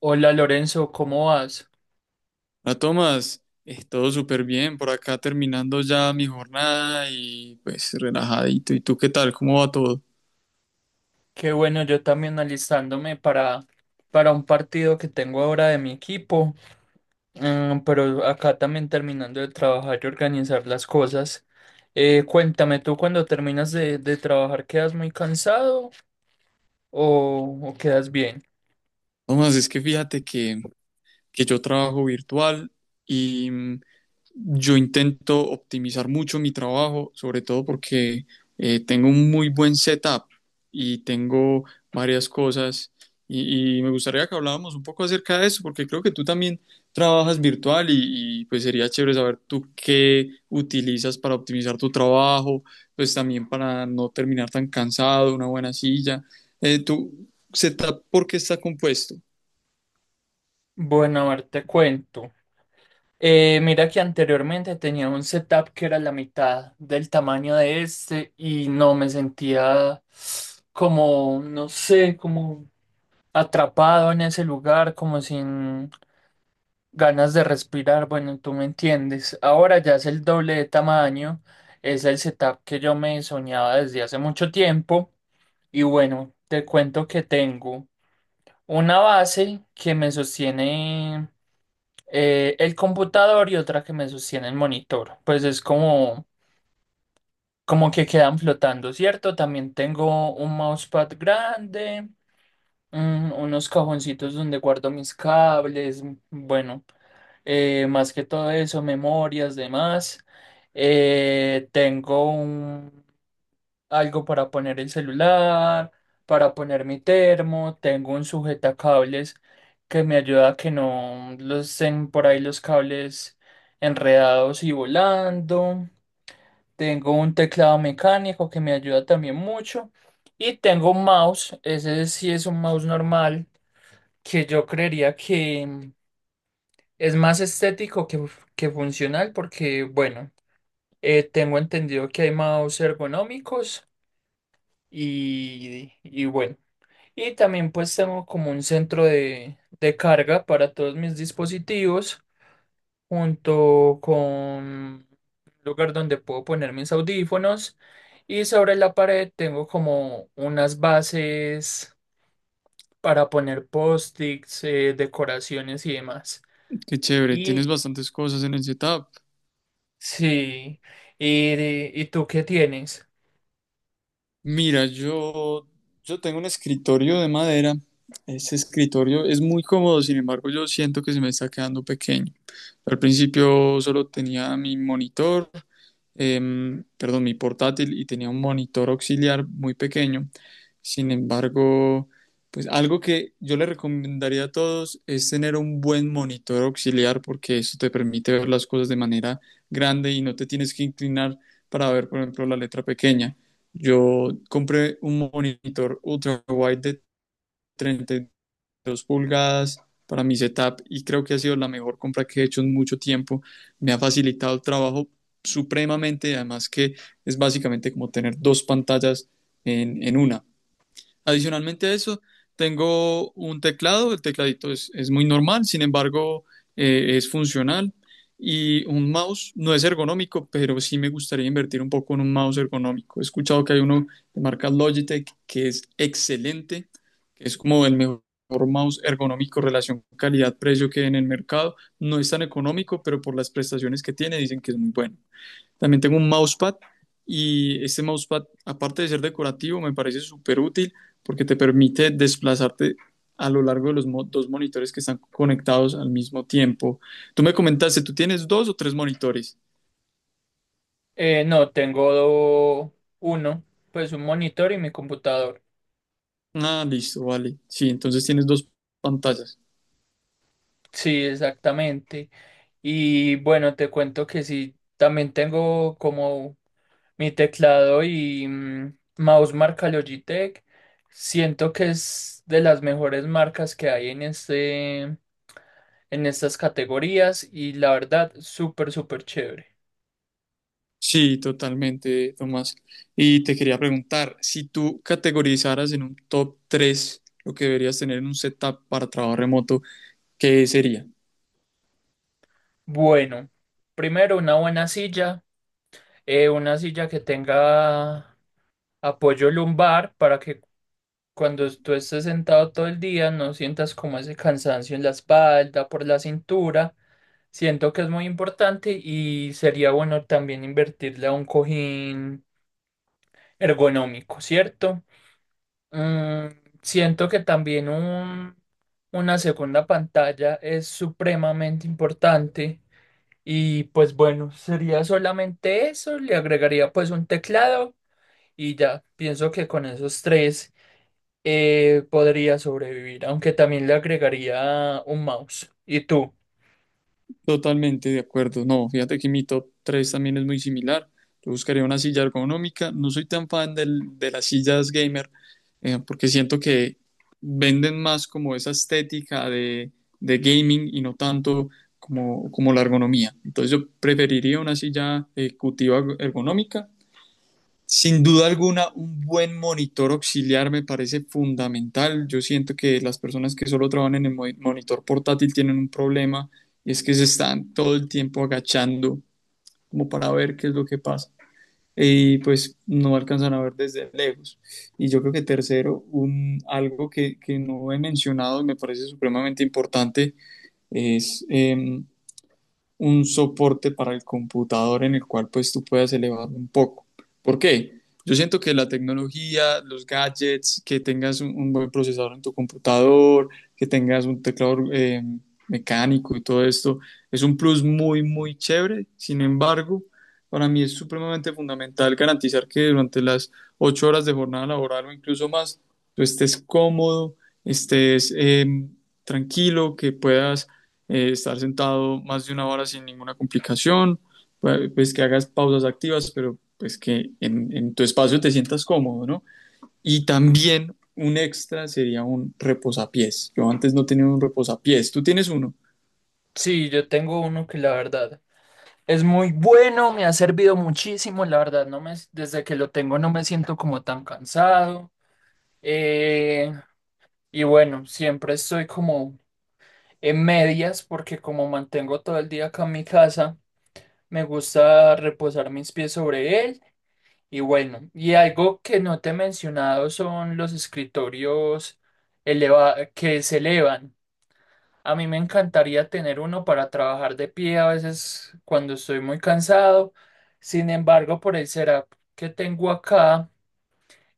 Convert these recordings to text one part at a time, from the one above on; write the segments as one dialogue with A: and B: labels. A: Hola Lorenzo, ¿cómo vas?
B: Ah, Tomás, es todo súper bien por acá terminando ya mi jornada y pues relajadito. ¿Y tú qué tal? ¿Cómo va todo?
A: Qué bueno, yo también alistándome para un partido que tengo ahora de mi equipo. Mm, pero acá también terminando de trabajar y organizar las cosas. Cuéntame, ¿tú cuando terminas de trabajar quedas muy cansado o quedas bien?
B: Tomás, es que fíjate que yo trabajo virtual y yo intento optimizar mucho mi trabajo, sobre todo porque tengo un muy buen setup y tengo varias cosas y, me gustaría que habláramos un poco acerca de eso porque creo que tú también trabajas virtual y, pues sería chévere saber tú qué utilizas para optimizar tu trabajo, pues también para no terminar tan cansado, una buena silla. ¿Tu setup por qué está compuesto?
A: Bueno, a ver, te cuento. Mira que anteriormente tenía un setup que era la mitad del tamaño de este y no me sentía como, no sé, como atrapado en ese lugar, como sin ganas de respirar. Bueno, tú me entiendes. Ahora ya es el doble de tamaño, es el setup que yo me soñaba desde hace mucho tiempo. Y bueno, te cuento que tengo una base que me sostiene el computador y otra que me sostiene el monitor. Pues es como, como que quedan flotando, ¿cierto? También tengo un mousepad grande. Unos cajoncitos donde guardo mis cables, bueno, más que todo eso, memorias, demás. Eh, tengo un, Algo para poner el celular, para poner mi termo, tengo un sujetacables que me ayuda a que no los estén por ahí los cables enredados y volando. Tengo un teclado mecánico que me ayuda también mucho. Y tengo un mouse, ese sí es un mouse normal que yo creería que es más estético que funcional porque, bueno, tengo entendido que hay mouse ergonómicos y bueno, y también pues tengo como un centro de carga para todos mis dispositivos junto con un lugar donde puedo poner mis audífonos y sobre la pared tengo como unas bases para poner post-its, decoraciones y demás.
B: Qué chévere, tienes
A: Y
B: bastantes cosas en el setup.
A: sí. ¿Y, y tú qué tienes?
B: Mira, yo tengo un escritorio de madera. Ese escritorio es muy cómodo, sin embargo, yo siento que se me está quedando pequeño. Al principio solo tenía mi portátil y tenía un monitor auxiliar muy pequeño. Sin embargo, pues algo que yo le recomendaría a todos es tener un buen monitor auxiliar porque eso te permite ver las cosas de manera grande y no te tienes que inclinar para ver, por ejemplo, la letra pequeña. Yo compré un monitor ultra wide de 32 dos pulgadas para mi setup y creo que ha sido la mejor compra que he hecho en mucho tiempo. Me ha facilitado el trabajo supremamente, además que es básicamente como tener dos pantallas en una. Adicionalmente a eso, tengo un teclado, el tecladito es muy normal, sin embargo, es funcional y un mouse no es ergonómico, pero sí me gustaría invertir un poco en un mouse ergonómico. He escuchado que hay uno de marca Logitech que es excelente, que es como el mejor mouse ergonómico relación calidad-precio que hay en el mercado. No es tan económico, pero por las prestaciones que tiene dicen que es muy bueno. También tengo un mousepad y este mousepad, aparte de ser decorativo, me parece súper útil porque te permite desplazarte a lo largo de los dos monitores que están conectados al mismo tiempo. Tú me comentaste, ¿tú tienes dos o tres monitores?
A: No, tengo uno, pues un monitor y mi computador.
B: Ah, listo, vale. Sí, entonces tienes dos pantallas.
A: Sí, exactamente. Y bueno, te cuento que sí, también tengo como mi teclado y mm, mouse marca Logitech. Siento que es de las mejores marcas que hay en en estas categorías y la verdad, súper, súper chévere.
B: Sí, totalmente, Tomás. Y te quería preguntar, si tú categorizaras en un top 3 lo que deberías tener en un setup para trabajo remoto, ¿qué sería?
A: Bueno, primero una buena silla, una silla que tenga apoyo lumbar para que cuando tú estés sentado todo el día no sientas como ese cansancio en la espalda, por la cintura. Siento que es muy importante y sería bueno también invertirle a un cojín ergonómico, ¿cierto? Mm, siento que también una segunda pantalla es supremamente importante y pues bueno, sería solamente eso, le agregaría pues un teclado y ya, pienso que con esos tres podría sobrevivir, aunque también le agregaría un mouse. ¿Y tú?
B: Totalmente de acuerdo. No, fíjate que mi top 3 también es muy similar. Yo buscaría una silla ergonómica. No soy tan fan de las sillas gamer porque siento que venden más como esa estética de gaming y no tanto como la ergonomía. Entonces yo preferiría una silla ejecutiva ergonómica sin duda alguna, un buen monitor auxiliar me parece fundamental. Yo siento que las personas que solo trabajan en el monitor portátil tienen un problema y es que se están todo el tiempo agachando como para ver qué es lo que pasa. Y pues no alcanzan a ver desde lejos. Y yo creo que tercero, algo que no he mencionado y me parece supremamente importante es un soporte para el computador en el cual pues tú puedas elevarlo un poco. ¿Por qué? Yo siento que la tecnología, los gadgets, que tengas un buen procesador en tu computador, que tengas un teclado mecánico y todo esto, es un plus muy, muy chévere. Sin embargo, para mí es supremamente fundamental garantizar que durante las 8 horas de jornada laboral o incluso más, tú estés cómodo, estés tranquilo, que puedas estar sentado más de una hora sin ninguna complicación, pues que hagas pausas activas, pero pues que en tu espacio te sientas cómodo, ¿no? Y también un extra sería un reposapiés. Yo antes no tenía un reposapiés, tú tienes uno.
A: Sí, yo tengo uno que la verdad es muy bueno, me ha servido muchísimo, la verdad, no me, desde que lo tengo no me siento como tan cansado. eh, y bueno, siempre estoy como en medias porque como mantengo todo el día acá en mi casa. Me gusta reposar mis pies sobre él. Y bueno, y algo que no te he mencionado son los escritorios que se elevan. A mí me encantaría tener uno para trabajar de pie a veces cuando estoy muy cansado. Sin embargo, por el setup que tengo acá,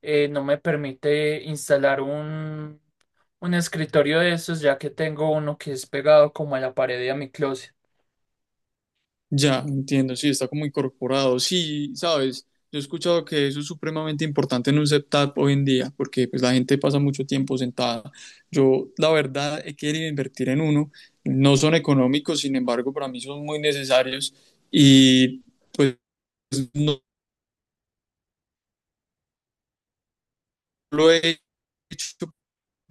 A: no me permite instalar un escritorio de esos, ya que tengo uno que es pegado como a la pared de mi closet.
B: Ya, entiendo, sí, está como incorporado. Sí, sabes, yo he escuchado que eso es supremamente importante en un setup hoy en día, porque pues la gente pasa mucho tiempo sentada. Yo, la verdad, he querido invertir en uno. No son económicos, sin embargo, para mí son muy necesarios y pues no lo he hecho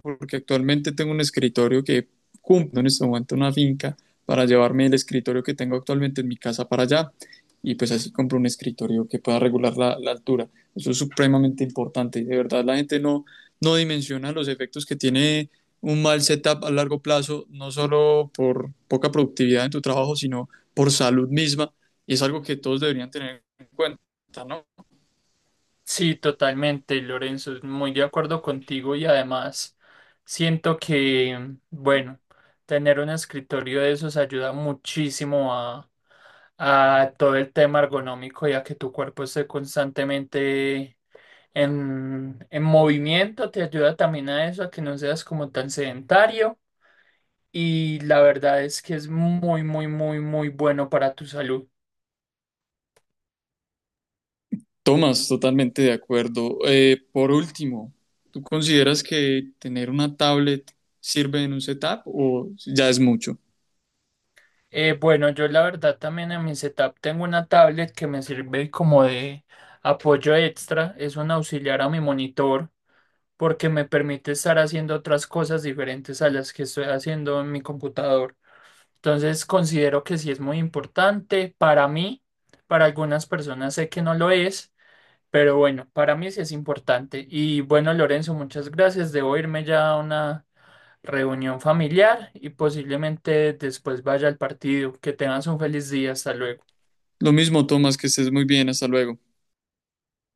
B: porque actualmente tengo un escritorio que cumple en este momento una finca para llevarme el escritorio que tengo actualmente en mi casa para allá y pues así compro un escritorio que pueda regular la altura. Eso es supremamente importante y de verdad la gente no dimensiona los efectos que tiene un mal setup a largo plazo, no solo por poca productividad en tu trabajo, sino por salud misma y es algo que todos deberían tener en cuenta, ¿no?
A: Sí, totalmente, Lorenzo, muy de acuerdo contigo y además siento que, bueno, tener un escritorio de esos ayuda muchísimo a todo el tema ergonómico, ya que tu cuerpo esté constantemente en movimiento, te ayuda también a eso, a que no seas como tan sedentario y la verdad es que es muy, muy, muy, muy bueno para tu salud.
B: Tomás, totalmente de acuerdo. Por último, ¿tú consideras que tener una tablet sirve en un setup o ya es mucho?
A: Bueno, yo la verdad también en mi setup tengo una tablet que me sirve como de apoyo extra, es un auxiliar a mi monitor porque me permite estar haciendo otras cosas diferentes a las que estoy haciendo en mi computador. Entonces considero que sí es muy importante para mí, para algunas personas sé que no lo es, pero bueno, para mí sí es importante. Y bueno, Lorenzo, muchas gracias. Debo irme ya a una reunión familiar y posiblemente después vaya al partido. Que tengas un feliz día. Hasta luego.
B: Lo mismo, Tomás, que estés muy bien, hasta luego.